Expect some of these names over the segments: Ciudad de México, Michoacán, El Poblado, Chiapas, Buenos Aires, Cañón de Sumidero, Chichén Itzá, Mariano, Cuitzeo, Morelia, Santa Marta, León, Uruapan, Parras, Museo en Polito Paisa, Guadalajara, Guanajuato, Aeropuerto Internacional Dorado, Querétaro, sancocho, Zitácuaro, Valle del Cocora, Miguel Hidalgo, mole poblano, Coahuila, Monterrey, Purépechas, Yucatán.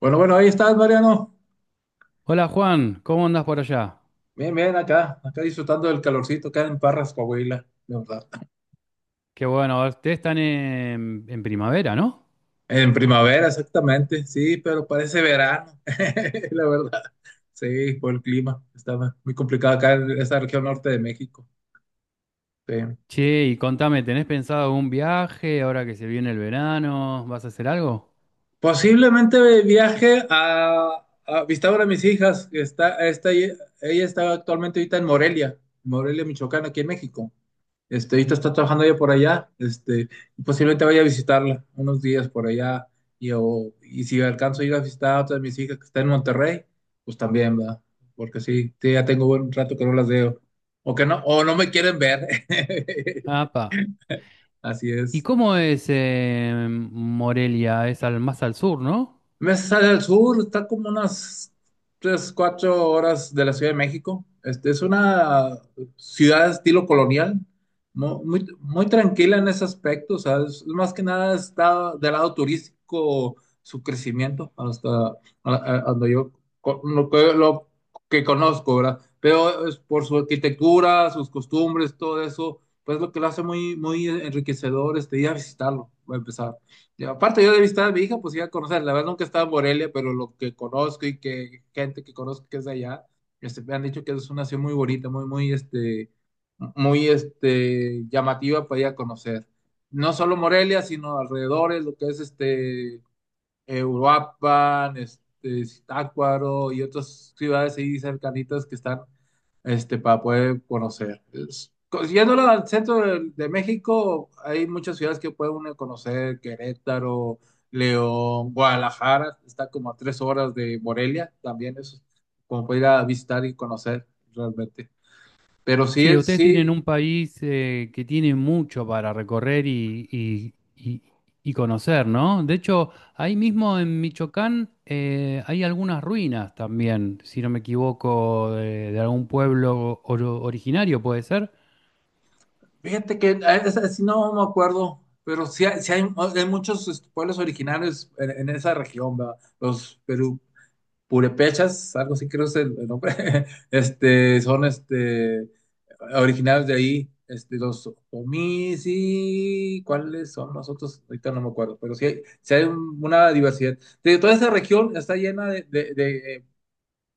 Bueno, bueno, ahí estás, Mariano. Hola Juan, ¿cómo andas por allá? Bien, bien, acá disfrutando del calorcito, acá en Parras, Coahuila, la verdad. Qué bueno, ustedes están en primavera, ¿no? En primavera, exactamente, sí, pero parece verano, la verdad. Sí, por el clima, está muy complicado acá en esta región norte de México. Sí. Che, y contame, ¿tenés pensado algún viaje ahora que se viene el verano? ¿Vas a hacer algo? Posiblemente viaje a visitar a una de mis hijas, que está. Ella está actualmente ahorita en Morelia, Morelia, Michoacán, aquí en México. Ahorita está trabajando ella por allá, y posiblemente vaya a visitarla unos días por allá, y si alcanzo a ir a visitar a otra de mis hijas que está en Monterrey, pues también, ¿verdad? Porque sí, sí, ya tengo buen rato que no las veo, o que no, o no me quieren ver, Apa. así ¿Y es. cómo es Morelia? Es al, más al sur, ¿no? Me sale al sur, está como unas 3 4 horas de la Ciudad de México. Es una ciudad de estilo colonial, ¿no? Muy, muy tranquila en ese aspecto, o sea, más que nada está del lado turístico su crecimiento hasta donde yo lo que conozco, ¿verdad? Pero es por su arquitectura, sus costumbres, todo eso, pues lo que lo hace muy, muy enriquecedor, ir a visitarlo, a empezar. Y aparte yo de visitar a mi hija, pues iba a conocer, la verdad nunca he estado en Morelia, pero lo que conozco y que gente que conozco que es de allá, me han dicho que es una ciudad muy bonita, muy, muy, muy, llamativa para ir a conocer. No solo Morelia, sino alrededores, lo que es, Uruapan, Zitácuaro y otras ciudades ahí cercanitas que están para poder conocer. Yéndolo al centro de México, hay muchas ciudades que puede uno conocer: Querétaro, León, Guadalajara, está como a 3 horas de Morelia, también es como para ir a visitar y conocer realmente. Pero Sí, sí, ustedes tienen sí, un país que tiene mucho para recorrer y conocer, ¿no? De hecho, ahí mismo en Michoacán hay algunas ruinas también, si no me equivoco, de algún pueblo oro- originario, ¿puede ser? fíjate que a esa sí no me acuerdo, pero sí, hay muchos pueblos originarios en esa región, ¿verdad? Los Perú, purépechas, algo así creo es el nombre, son originarios de ahí, los omis y cuáles son los otros, ahorita no me acuerdo, pero una diversidad. De toda esa región está llena de, de,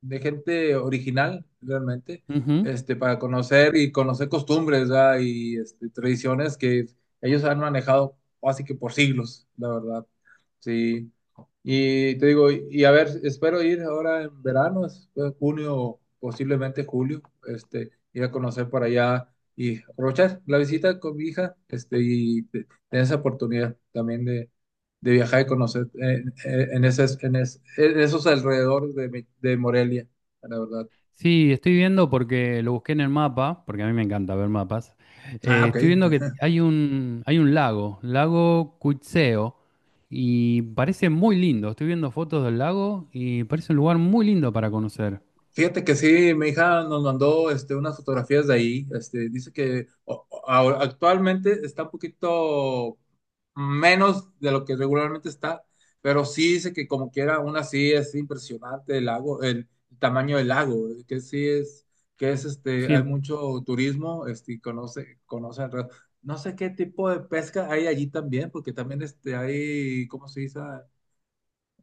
de gente original, realmente, para conocer y conocer costumbres, ¿verdad? Y tradiciones que ellos han manejado así que por siglos, la verdad. Sí. Y te digo, y a ver, espero ir ahora en verano, en junio, posiblemente julio, ir a conocer para allá y aprovechar la visita con mi hija, tener esa oportunidad también de viajar y conocer en esos alrededores de Morelia, la verdad. Sí, estoy viendo porque lo busqué en el mapa, porque a mí me encanta ver mapas. Ah, ok. Estoy viendo que hay hay un lago, lago Cuitzeo, y parece muy lindo. Estoy viendo fotos del lago y parece un lugar muy lindo para conocer. Fíjate que sí, mi hija nos mandó unas fotografías de ahí. Dice que actualmente está un poquito menos de lo que regularmente está, pero sí dice que como quiera, aún así es impresionante el lago, el tamaño del lago, que es, Sí, hay mucho turismo, y conoce alrededor. No sé qué tipo de pesca hay allí también, porque también hay, ¿cómo se dice?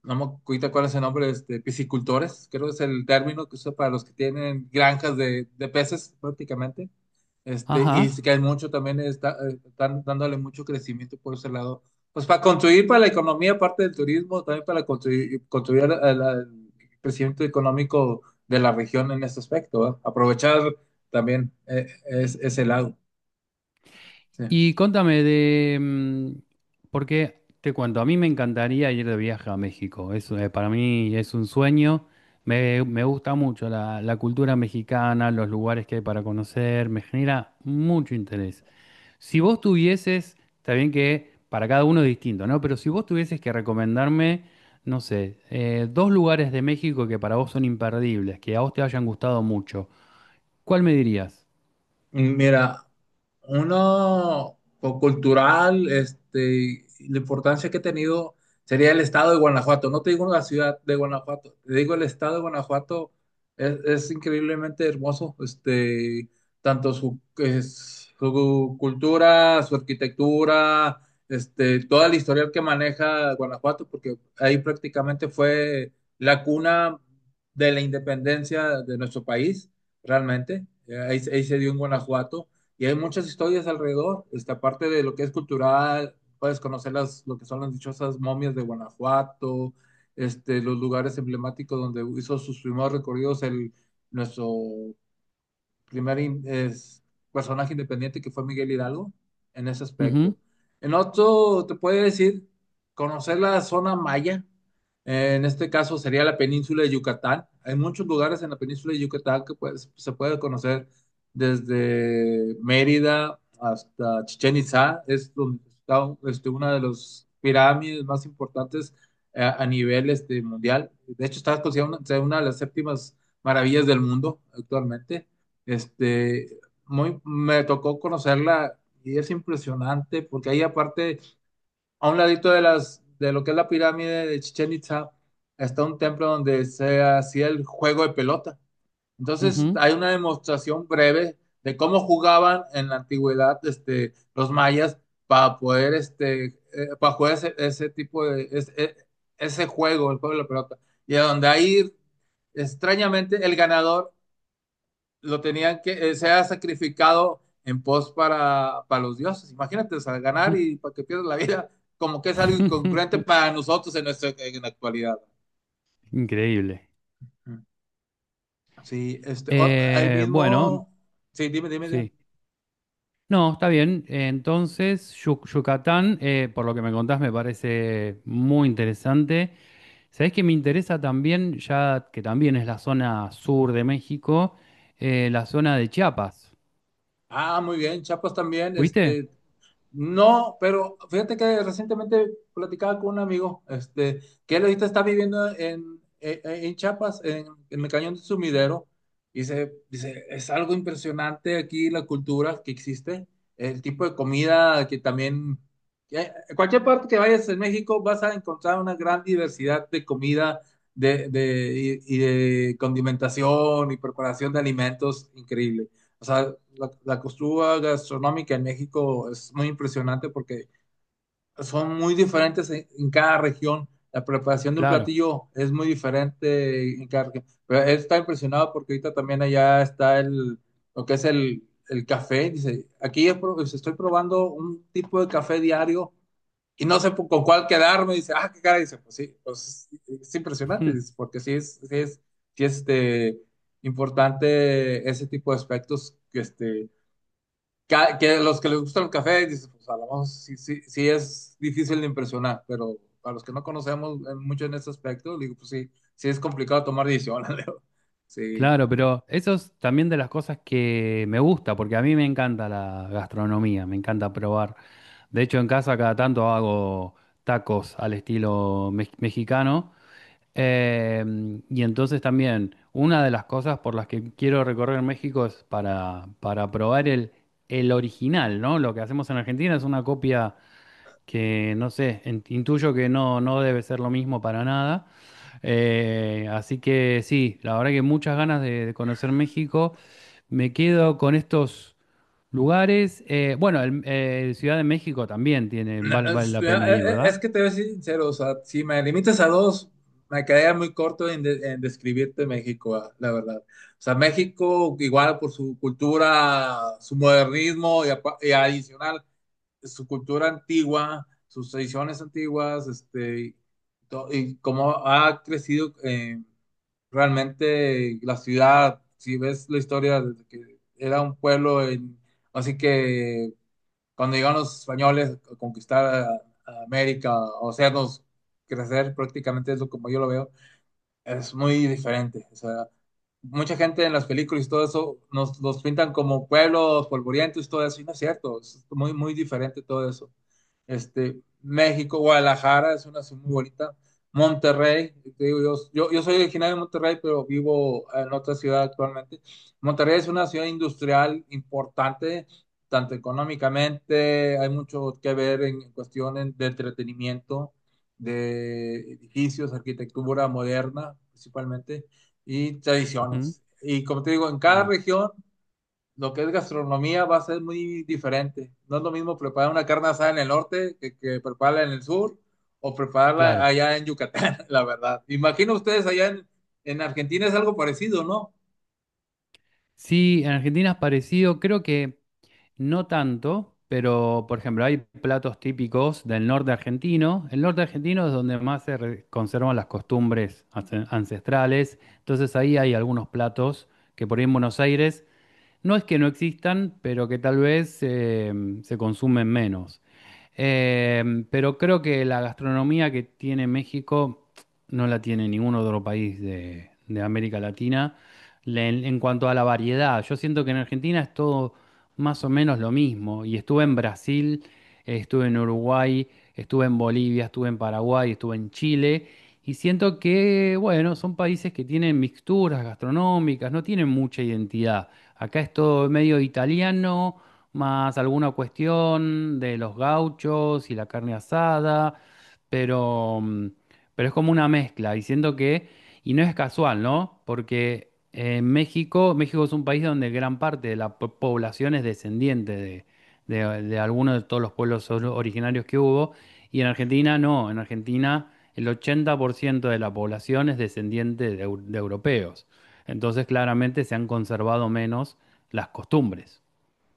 No me acuerdo cuál es el nombre, piscicultores, creo que es el término que usa para los que tienen granjas de peces prácticamente. Y sí ajá. que hay mucho también, está, están dándole mucho crecimiento por ese lado. Pues para contribuir para la economía, aparte del turismo, también para contribuir al crecimiento económico de la región en este aspecto, ¿verdad? Aprovechar también ese lado. Sí. Y contame de, porque te cuento, a mí me encantaría ir de viaje a México, para mí es un sueño, me gusta mucho la cultura mexicana, los lugares que hay para conocer, me genera mucho interés. Si vos tuvieses, está bien que para cada uno es distinto, ¿no? Pero si vos tuvieses que recomendarme, no sé, dos lugares de México que para vos son imperdibles, que a vos te hayan gustado mucho, ¿cuál me dirías? Mira, uno cultural, la importancia que ha tenido sería el estado de Guanajuato. No te digo la ciudad de Guanajuato, te digo el estado de Guanajuato es increíblemente hermoso. Tanto su, su cultura, su arquitectura, toda la historia que maneja Guanajuato, porque ahí prácticamente fue la cuna de la independencia de nuestro país realmente. Ahí se dio en Guanajuato y hay muchas historias alrededor. Aparte de lo que es cultural, puedes conocer las, lo que son las dichosas momias de Guanajuato, los lugares emblemáticos donde hizo sus primeros recorridos el, nuestro primer in- es, personaje independiente que fue Miguel Hidalgo en ese Ujú, aspecto. En otro, te puede decir, conocer la zona maya, en este caso sería la península de Yucatán. Hay muchos lugares en la península de Yucatán que pues, se puede conocer desde Mérida hasta Chichén Itzá, es donde está una de las pirámides más importantes a nivel mundial. De hecho, está considerada una de las séptimas maravillas del mundo actualmente. Este, Muy, me tocó conocerla y es impresionante porque ahí aparte, a un ladito de las, de lo que es la pirámide de Chichen Itza, está un templo donde se hacía el juego de pelota. Entonces, ujú, hay una demostración breve de cómo jugaban en la antigüedad los mayas para poder para jugar ese juego, el juego de la pelota. Y a donde ahí, extrañamente, el ganador lo tenían que, se ha sacrificado en pos para los dioses. Imagínate, al ujú. ganar y para que pierdas la vida, como que es algo incongruente para nosotros en, nuestra, en la actualidad. Increíble. Sí, ahí Eh, bueno, mismo, sí, dime, dime, dime. sí. No, está bien. Entonces, Yu- Yucatán, por lo que me contás, me parece muy interesante. Sabés que me interesa también, ya que también es la zona sur de México, la zona de Chiapas. Ah, muy bien, Chapas también, ¿Fuiste? No, pero fíjate que recientemente platicaba con un amigo, que él ahorita está viviendo en Chiapas, en el Cañón de Sumidero, y dice, es algo impresionante aquí la cultura que existe, el tipo de comida que también, que en cualquier parte que vayas en México vas a encontrar una gran diversidad de comida de condimentación y preparación de alimentos increíble. O sea, la costura gastronómica en México es muy impresionante porque son muy diferentes en cada región. La preparación de un Claro. platillo es muy diferente en cada región. Pero él está impresionado porque ahorita también allá está lo que es el café. Dice, aquí pues, estoy probando un tipo de café diario y no sé con cuál quedarme. Dice, ah, qué cara. Dice, pues sí, pues es impresionante. Mm, Dice, porque sí es, este, importante ese tipo de aspectos que que los que les gusta el café, dices, pues a lo mejor sí, sí es difícil de impresionar, pero para los que no conocemos mucho en este aspecto, digo, pues sí, sí es complicado tomar decisiones, Leo. Sí. claro, pero eso es también de las cosas que me gusta, porque a mí me encanta la gastronomía, me encanta probar. De hecho, en casa cada tanto hago tacos al estilo mex- mexicano. Y entonces también, una de las cosas por las que quiero recorrer México es para probar el original, ¿no? Lo que hacemos en Argentina es una copia que, no sé, en- intuyo que no, no debe ser lo mismo para nada. Así que sí, la verdad que muchas ganas de conocer México. Me quedo con estos lugares. Ciudad de México también tiene, val- vale Es, la pena ir, ¿verdad? es que te voy a ser sincero, o sea, si me limitas a dos, me quedaría muy corto en, en describirte México, ah, la verdad. O sea, México, igual por su cultura, su modernismo y, y adicional su cultura antigua, sus tradiciones antiguas, y cómo ha crecido realmente la ciudad. Si ves la historia, desde que era un pueblo, así que cuando llegaron los españoles a conquistar a América, o hacernos crecer prácticamente es lo como yo lo veo, es muy diferente. O sea, mucha gente en las películas y todo eso nos los pintan como pueblos polvorientos y todo eso, y no es cierto, es muy, muy diferente todo eso. México, Guadalajara es una ciudad muy bonita. Monterrey, te digo, yo soy originario de Monterrey, pero vivo en otra ciudad actualmente. Monterrey es una ciudad industrial importante, tanto económicamente, hay mucho que ver en cuestiones de entretenimiento, de edificios, arquitectura moderna principalmente, y Ujú. tradiciones. Y como te digo, en cada Mm, región lo que es gastronomía va a ser muy diferente. No es lo mismo preparar una carne asada en el norte que prepararla en el sur o prepararla claro. allá en Yucatán, la verdad. Imagino ustedes allá en Argentina es algo parecido, ¿no? Sí, en Argentina es parecido, creo que no tanto, pero por ejemplo hay platos típicos del norte argentino. El norte argentino es donde más se re- conservan las costumbres ance- ancestrales, entonces ahí hay algunos platos que por ahí en Buenos Aires no es que no existan, pero que tal vez se consumen menos. Pero creo que la gastronomía que tiene México no la tiene ningún otro país de América Latina Le- en cuanto a la variedad. Yo siento que en Argentina es todo más o menos lo mismo. Y estuve en Brasil, estuve en Uruguay, estuve en Bolivia, estuve en Paraguay, estuve en Chile. Y siento que, bueno, son países que tienen mixturas gastronómicas, no tienen mucha identidad. Acá es todo medio italiano, más alguna cuestión de los gauchos y la carne asada, pero, mm, pero es como una mezcla, y siento que, y no es casual, ¿no? Porque en México, México es un país donde gran parte de la po- población es descendiente de alguno de todos los pueblos or- originarios que hubo, y en Argentina no, en Argentina el 80% de la población es descendiente de eu- de europeos. Entonces, claramente se han conservado menos las costumbres.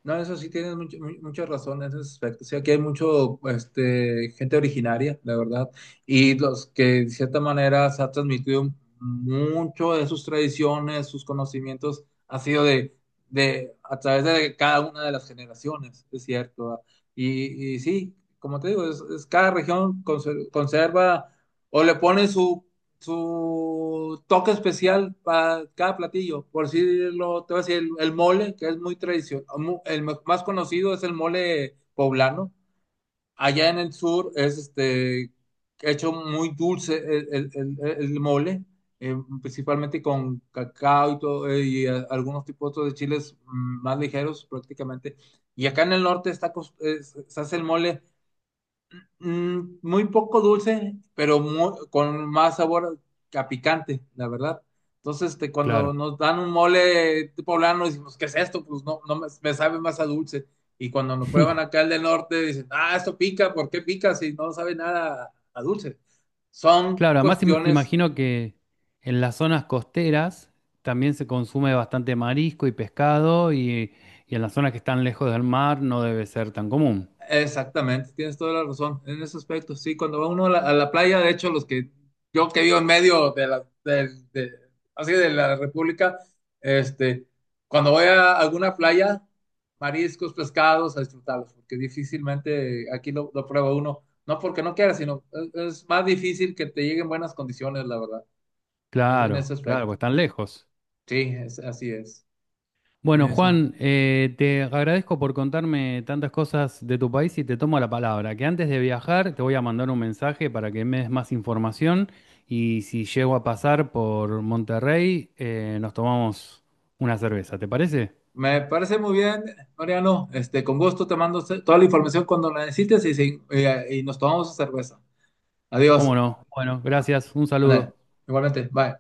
No, eso sí tienes mucha razón en ese aspecto. Sí, aquí hay mucho, gente originaria, la verdad, y los que de cierta manera se ha transmitido mucho de sus tradiciones, sus conocimientos, ha sido de a través de cada una de las generaciones, es cierto. ¿Verdad? Y sí, como te digo, es cada región conserva o le pone su su toque especial para cada platillo. Por decirlo, te voy a decir, el mole, que es muy tradicional, más conocido es el mole poblano. Allá en el sur es hecho muy dulce el, el mole, eh, principalmente con cacao y, todo, algunos tipos otros de chiles, más ligeros prácticamente. Y acá en el norte está, se hace el mole muy poco dulce, pero con más sabor a picante, la verdad. Entonces, cuando Claro. nos dan un mole poblano, decimos, ¿qué es esto? Pues no, me sabe más a dulce. Y cuando lo prueban acá el del norte, dicen, ah, esto pica, ¿por qué pica si no sabe nada a dulce? Son Claro, además im- cuestiones. imagino que en las zonas costeras también se consume bastante marisco y pescado y en las zonas que están lejos del mar no debe ser tan común. Exactamente, tienes toda la razón en ese aspecto. Sí, cuando va uno a la playa, de hecho, los que yo que vivo en medio de de, así de la República, este, cuando voy a alguna playa, mariscos, pescados, a disfrutarlos, porque difícilmente aquí lo prueba uno, no porque no quiera, sino es más difícil que te lleguen buenas condiciones, la verdad, en ese Claro, claro, aspecto. pues están lejos. Sí, es, así es. Bueno, Eso. Juan, te agradezco por contarme tantas cosas de tu país y te tomo la palabra, que antes de viajar te voy a mandar un mensaje para que me des más información y si llego a pasar por Monterrey, nos tomamos una cerveza, ¿te parece? Me parece muy bien, Mariano. Con gusto te mando toda la información cuando la necesites y, y nos tomamos cerveza. ¿Cómo Adiós. no? Bueno, Ah, gracias, un ándale. saludo. Igualmente, bye.